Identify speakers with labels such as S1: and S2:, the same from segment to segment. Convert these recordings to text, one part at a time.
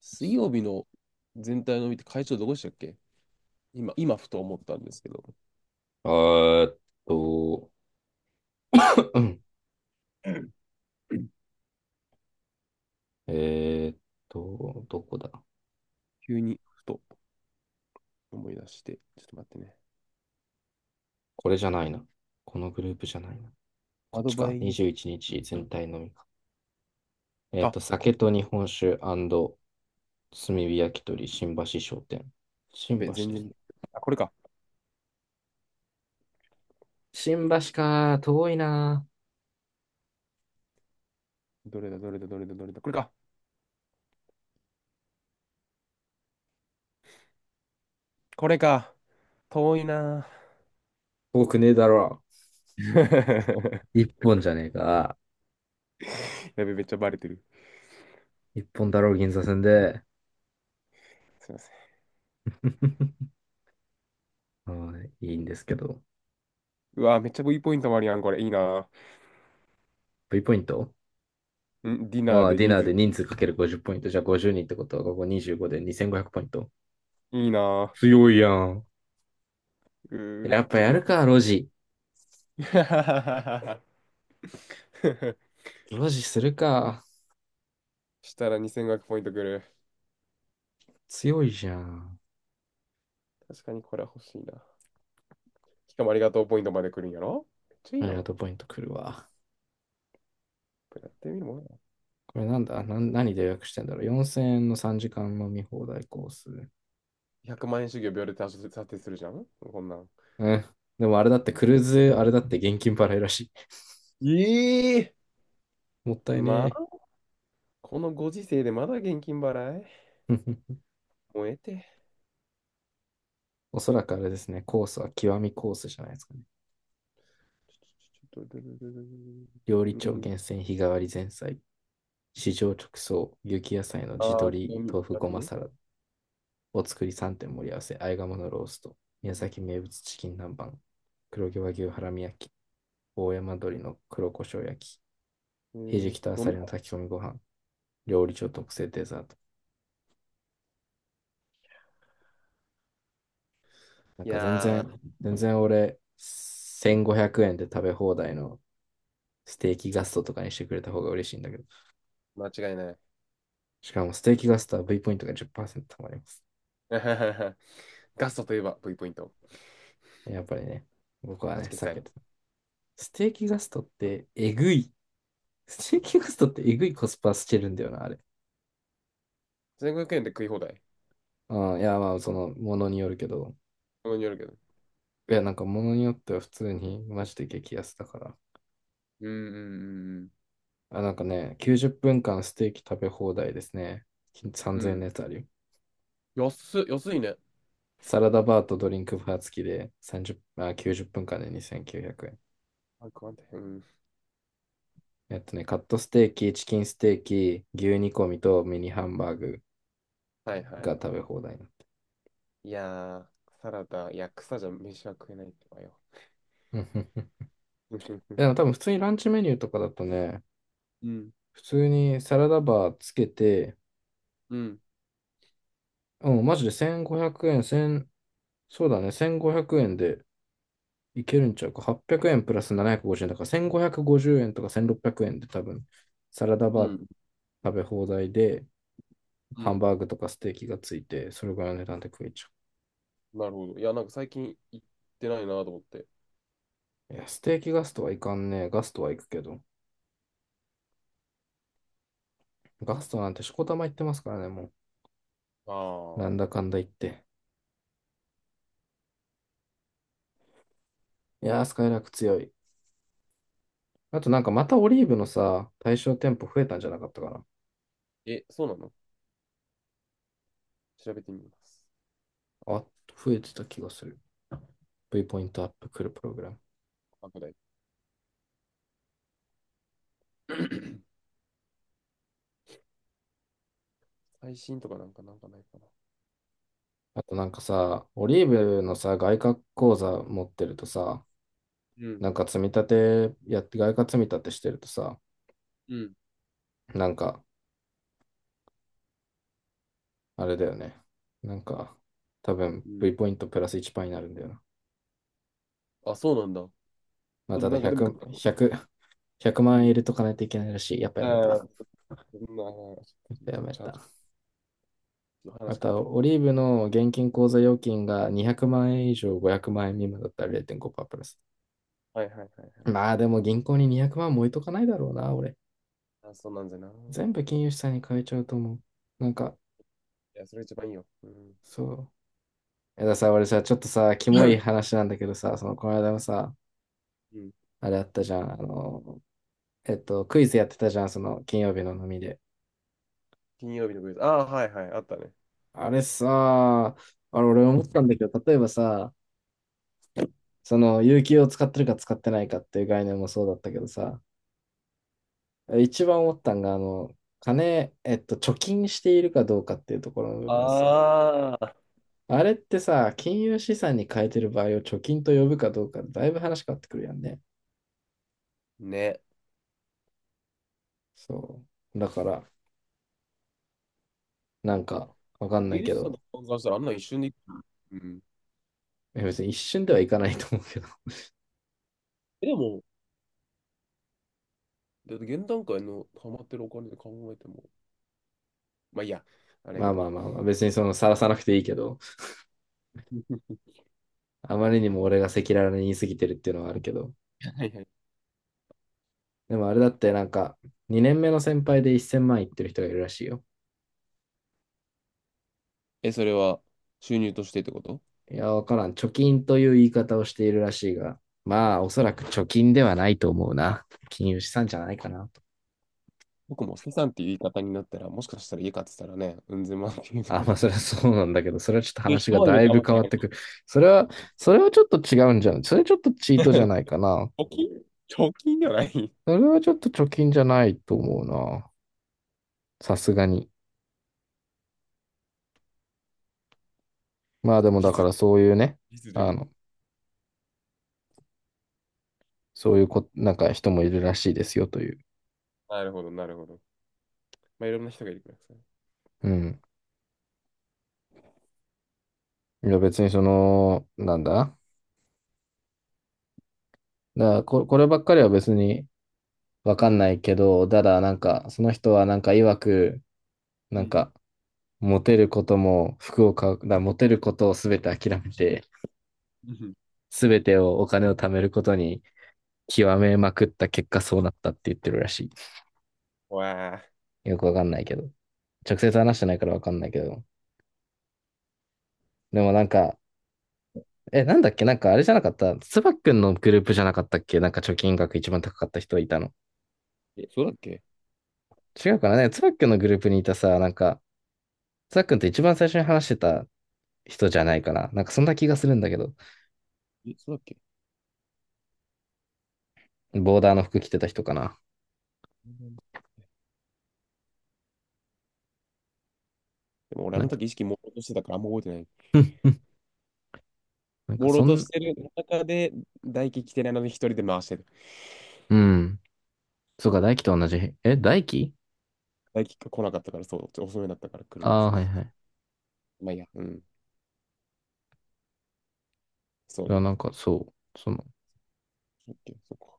S1: 水曜日の全体の見て会長どこでしたっけ。今、今ふと思ったんですけど、
S2: あーっと、えーっどこだ。
S1: 急にふと思い出して、ちょっと待ってね。
S2: これじゃないな。このグループじゃないな。こ
S1: ア
S2: っ
S1: ド
S2: ち
S1: バ
S2: か。
S1: イ、
S2: 21日全体のみか。
S1: あ、こ、
S2: 酒と日本酒炭火焼き鳥新橋商店。
S1: や
S2: 新
S1: べ、
S2: 橋ですね。
S1: あ、これか。
S2: 新橋か。遠いな。
S1: どれだ、どれだ、どれだ、どれだ、これか。これか。遠いな
S2: 遠くねえだろ。
S1: ぁ。
S2: 一 本じゃねえか。
S1: やべ、めっちゃバレてる。
S2: 一本だろう、銀座線で。
S1: すいません。
S2: はいいいんですけど。
S1: うわ、めっちゃ V ポイントもあるやん、これ。いいな
S2: V ポイント。
S1: ぁ。んディナ
S2: あ
S1: ー
S2: あ、
S1: で
S2: ディ
S1: 人
S2: ナー
S1: 数、
S2: で人数かける50ポイント。じゃあ50人ってことは、ここ25で2500ポイント。
S1: いいな
S2: 強いやん。
S1: ぁ。
S2: やっぱ
S1: ちょっと
S2: や
S1: 待
S2: る
S1: って。
S2: か、ロジ。ロジするか。
S1: したら2500ポイントくる。
S2: 強いじゃん。
S1: 確かにこれは欲しいな。しかもありがとうポイントまで来るんやろめっちゃいい
S2: あ
S1: や
S2: り
S1: ん。
S2: が
S1: こ
S2: とう、ポイント来るわ。
S1: れやってみるもんや。
S2: これなんだな。何で予約してんだろう ?4000 円の3時間飲み放題コース。
S1: 1万円主義を秒で達成するじゃんこんなん。
S2: うん。でもあれだってクルーズ、あれだって現金払いらし
S1: ええ、
S2: い。もったい
S1: ま
S2: ね
S1: あ、このご時世でまだ現金払い
S2: え。
S1: 燃えて。
S2: おそらくあれですね、コースは極みコースじゃないですかね。
S1: ちょちょちょちょちょちょちょちょ
S2: 料理
S1: メ
S2: 長
S1: ニュー。
S2: 厳選日替わり前菜、市場直送、雪野菜の地
S1: ああ、興
S2: 鶏、
S1: 味、
S2: 豆腐
S1: 興
S2: ご
S1: 味
S2: ま
S1: ね。
S2: サラダ、お作り3点盛り合わせ、あえ鴨のロースト、宮崎名物チキン南蛮、黒毛和牛ハラミ焼き、大山鶏の黒胡椒焼き、
S1: え
S2: ひじ
S1: ー、
S2: きとあ
S1: 飲
S2: さ
S1: み
S2: りの炊き込みご飯、料理長特製デザート。なん
S1: い
S2: か全
S1: や
S2: 然、全然俺、
S1: ー、
S2: 1500円で食べ放題のステーキガストとかにしてくれた方が嬉しいんだけど、
S1: 間違いない。
S2: しかもステー
S1: う
S2: キ
S1: ん。
S2: ガストは V ポイントが10%貯まります。
S1: ガストといえば V ポイント。
S2: やっぱりね、僕はね、
S1: 8決
S2: 避け
S1: 済。
S2: てた。ステーキガストってえぐい。ステーキガストってえぐいコスパしてるんだよな、あれ。
S1: 1500円で食い放題。
S2: うん、いや、まあ、その、ものによるけど。
S1: そこによるけど。
S2: いや、なんか、ものによっては普通に、マジで激安だから。
S1: うんうん
S2: あ、なんかね、90分間ステーキ食べ放題ですね。
S1: うんうん。
S2: 3000
S1: う
S2: 円の
S1: ん。
S2: やつあるよ。
S1: 安っ、安いね。
S2: サラダバーとドリンクバー付きで30、あ、90分間で2900円。
S1: あくまうん。
S2: カットステーキ、チキンステーキ、牛煮込みとミニハンバーグ
S1: はいはい
S2: が
S1: はい。
S2: 食べ放題になって。
S1: いやー、サラダ、いや、草じゃ飯は食えないってばよ。
S2: うんうんうん。でも 多分普通にランチメニューとかだとね、
S1: うん、
S2: 普通にサラダバーつけて、
S1: うん、
S2: うん、マジで1500円、1そうだね、1500円でいけるんちゃうか。800円プラス750円だから、1550円とか1600円で多分、サラダ
S1: う
S2: バー
S1: ん、
S2: 食べ放題で、
S1: う
S2: ハン
S1: ん。
S2: バーグとかステーキがついて、それぐらいの値段で食えちゃ
S1: なるほど。いや、なんか最近行ってないなと思って。
S2: う。いや、ステーキガストはいかんねえ。ガストは行くけど。ガストなんてしこたま行ってますからね、も
S1: あ
S2: う。なんだ
S1: あ。
S2: かんだ言って。いやー、スカイラーク強い。あとなんかまたオリーブのさ、対象店舗増えたんじゃなかったかな。
S1: え、そうなの。調べてみます。
S2: あ、増えてた気がする。V ポイントアップ来るプログラム。
S1: 後で。最新とかなんかなんかないかな。
S2: あとなんかさ、オリーブのさ、外貨口座持ってるとさ、
S1: うん、
S2: なんか積み立てやって、外貨積み立てしてるとさ、
S1: うん、
S2: なんか、あれだよね。なんか、多
S1: う
S2: 分
S1: ん。
S2: V ポイントプラス1パーになるんだよな。
S1: あ、そうなんだ。
S2: まあ、
S1: その
S2: ただ
S1: なんかでも、
S2: 100
S1: う
S2: 万円入
S1: ん。
S2: れとかないといけないらしい。やっぱ
S1: あ
S2: やめた。や
S1: あ、そんな、ち
S2: っ
S1: ょっ
S2: ぱや
S1: と
S2: め
S1: チャー
S2: た。
S1: ジの
S2: あ
S1: 話
S2: と
S1: かって。
S2: は、オリーブの現金口座預金が200万円以上500万円未満だったら0.5%プラス。
S1: はいはいはいはい。
S2: まあでも銀行に200万も置いとかないだろうな、俺。
S1: あ、そうなんじゃない。
S2: 全部金融資産に変えちゃうと思う。なんか、
S1: や、それ一番いいよ。うん。
S2: そう。やださ、俺さ、ちょっとさ、キモい 話なんだけどさ、その、この間もさ、
S1: うん、
S2: あれあったじゃん、あの、クイズやってたじゃん、その、金曜日の飲みで。
S1: 金曜日のクイズ。ああ、はいはい、あったね。
S2: あれさ、あれ、俺思ったんだけど、例えばさ、その、有給を使ってるか使ってないかっていう概念もそうだったけどさ、一番思ったんが、あの、金、えっと、貯金しているかどうかっていうところの部分さ、
S1: ああ、
S2: あれってさ、金融資産に変えてる場合を貯金と呼ぶかどうかで、だいぶ話変わってくるやんね。
S1: ね。
S2: そう。だから、なんか、わかんな
S1: ミ
S2: い
S1: ュー
S2: け
S1: ジシャンの
S2: ど、
S1: 考えしたらあんな一瞬でいく。うん。
S2: 別に一瞬ではいかないと思うけど。
S1: えでも、で、現段階のハマってるお金で考えても。まあいいや、あれや
S2: ま
S1: け
S2: あま
S1: ど。
S2: あまあまあ、別にその晒さなくていいけど、あまりにも俺が赤裸々に言い過ぎてるっていうのはあるけど。
S1: はいはい。
S2: でもあれだってなんか、2年目の先輩で1000万いってる人がいるらしいよ。
S1: え、それは収入としてってこと。
S2: いや、わからん。貯金という言い方をしているらしいが、まあ、おそらく貯金ではないと思うな。金融資産じゃないかなと。
S1: 僕も資産っていう言い方になったら、もしかしたら家買ってたらね、うんぜまっていうと
S2: あ、
S1: ころ
S2: まあ、そ
S1: があ
S2: れ
S1: る
S2: は
S1: し。
S2: そうなんだけど、それはちょっと 話
S1: 人
S2: が
S1: はい
S2: だ
S1: る
S2: い
S1: か
S2: ぶ
S1: もし
S2: 変
S1: れな
S2: わって
S1: い。
S2: くる。それは、それはちょっと違うんじゃん。それちょっとチートじゃな いかな。
S1: 貯金貯金ではない。ちょ
S2: それはちょっと貯金じゃないと思うな。さすがに。まあ
S1: っ
S2: で
S1: と
S2: もだか
S1: 実、
S2: らそういうね、
S1: 実で
S2: あ
S1: 見、
S2: の、そういうこ、なんか人もいるらしいですよという。
S1: なるほど、なるほど。まあ、いろんな人がいるからさ。
S2: うん。いや別にその、なんだだからこればっかりは別にわ
S1: う
S2: かん
S1: ん、
S2: ないけど、ただなんか、その人はなんか曰く、
S1: う
S2: なん
S1: ん、
S2: か、モテることも服を買う、だからモテることを全て諦めて、
S1: うん。
S2: 全てをお金を貯めることに極めまくった結果そうなったって言ってるらし
S1: わあ。
S2: い。よくわかんないけど。直接話してないからわかんないけど。でもなんか、え、なんだっけ。なんかあれじゃなかった、つばっくんのグループじゃなかったっけ。なんか貯金額一番高かった人いたの。
S1: え、そうだっけ。
S2: 違うかなね。つばっくんのグループにいたさ、なんか、つばっくんって一番最初に話してた人じゃないかな。なんかそんな気がするんだけど、
S1: え、そうだっけ。
S2: ボーダーの服着てた人かな。
S1: うん、でも俺あ
S2: なん
S1: の
S2: か、
S1: 時意識朦朧としてたからあんま覚えてない。
S2: なんか
S1: 朦
S2: そ
S1: 朧とし
S2: ん、
S1: てる中で、大輝来てないのに一人で回してる。
S2: うん。そうか、大輝と同じ。え、大輝。
S1: 大輝が来なかったから、そう、ちょ遅めだったから来るの。
S2: あ
S1: そ
S2: あー、
S1: う
S2: は
S1: そう
S2: い
S1: そ
S2: はい。
S1: う。まあいいや、うん。そう
S2: いや、
S1: ね。
S2: なんかそう、その、
S1: オッケー、そっか。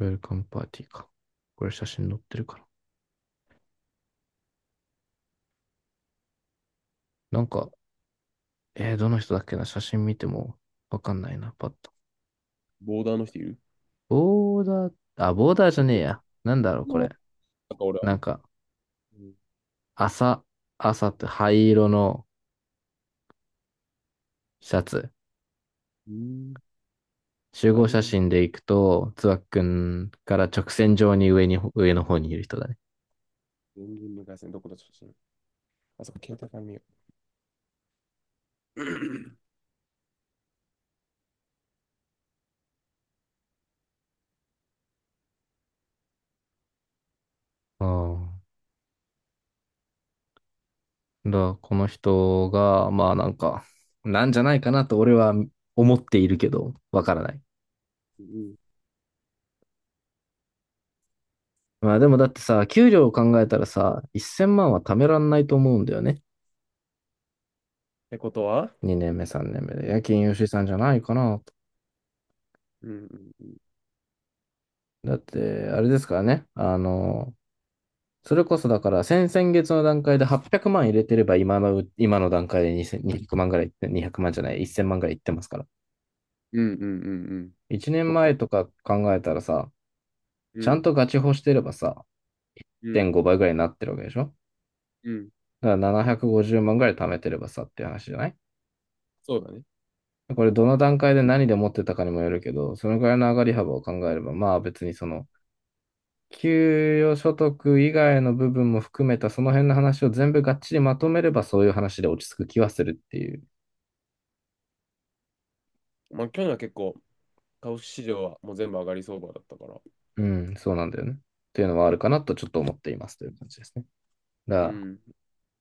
S2: ウェルカムパーティーか。これ写真載ってるから。なんか、どの人だっけな。写真見てもわかんないな、パッと。
S1: ボーダーの人いる。
S2: ボーダー、あ、ボーダーじゃねえ
S1: 本
S2: や。なんだろう、こ
S1: 当。
S2: れ。
S1: なんか俺は、あ
S2: なん
S1: ん、
S2: か、
S1: うん、
S2: 朝、朝って灰色のシャツ。
S1: うーん。
S2: 集合
S1: 灰
S2: 写
S1: 色な。
S2: 真で行くと、つばっくんから直線上に上に、上の方にいる人だね。
S1: 全然無回線どこだ写真。あそこ、携帯から見よ
S2: ああ。だからこの人が、まあなんか、なんじゃないかなと俺は思っているけど、わからない。
S1: う。うんうん。っ
S2: まあでもだってさ、給料を考えたらさ、1000万は貯めらんないと思うんだよね。
S1: てことは、
S2: 2年目、3年目で。夜勤吉井さんじゃないかな。
S1: うんうんうん。
S2: だって、あれですからね。あの、それこそだから、先々月の段階で800万入れてれば、今の段階で2000万ぐらいいって、200万じゃない、1000万ぐらいいってますから。
S1: うんうんうんうん。
S2: 1年
S1: そっ
S2: 前
S1: か。
S2: とか考えたらさ、
S1: う
S2: ちゃん
S1: ん
S2: とガチホしてればさ、
S1: う
S2: 1.5
S1: ん
S2: 倍ぐらいになってるわけでしょ。
S1: うん。
S2: だから750万ぐらい貯めてればさっていう話じゃない？
S1: そうだね。
S2: これどの段階で何で持ってたかにもよるけど、そのぐらいの上がり幅を考えれば、まあ別にその、給与所得以外の部分も含めたその辺の話を全部がっちりまとめればそういう話で落ち着く気はするっていう。
S1: まあ、去年は結構、株式市場はもう全部上がり相場だったから。
S2: うん、そうなんだよね。っていうのはあるかなとちょっと思っていますという感じですね。だか
S1: う
S2: ら、
S1: ん、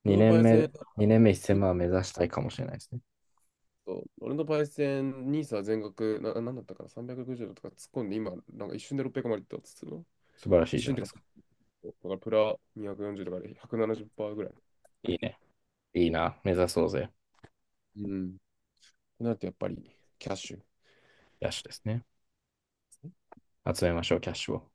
S1: 俺の
S2: 2
S1: パ
S2: 年
S1: イセン、
S2: 目、2年目1000万目指したいかもしれないですね。
S1: そう俺のパイセン、ニーサは全額、な、なんだったかな、360度とか突っ込んで、今、なんか一瞬で600までいったっつうての。
S2: 素晴らし
S1: 一
S2: いじゃ
S1: 瞬
S2: な
S1: っ
S2: い
S1: て
S2: で
S1: か、
S2: すか。
S1: だからプラ240とかで170%ぐらい。
S2: いいね。いいな。目指そうぜ。
S1: うん。ってなるとやっぱりキャッシュ。
S2: キャッシュですね。集めましょう、キャッシュを。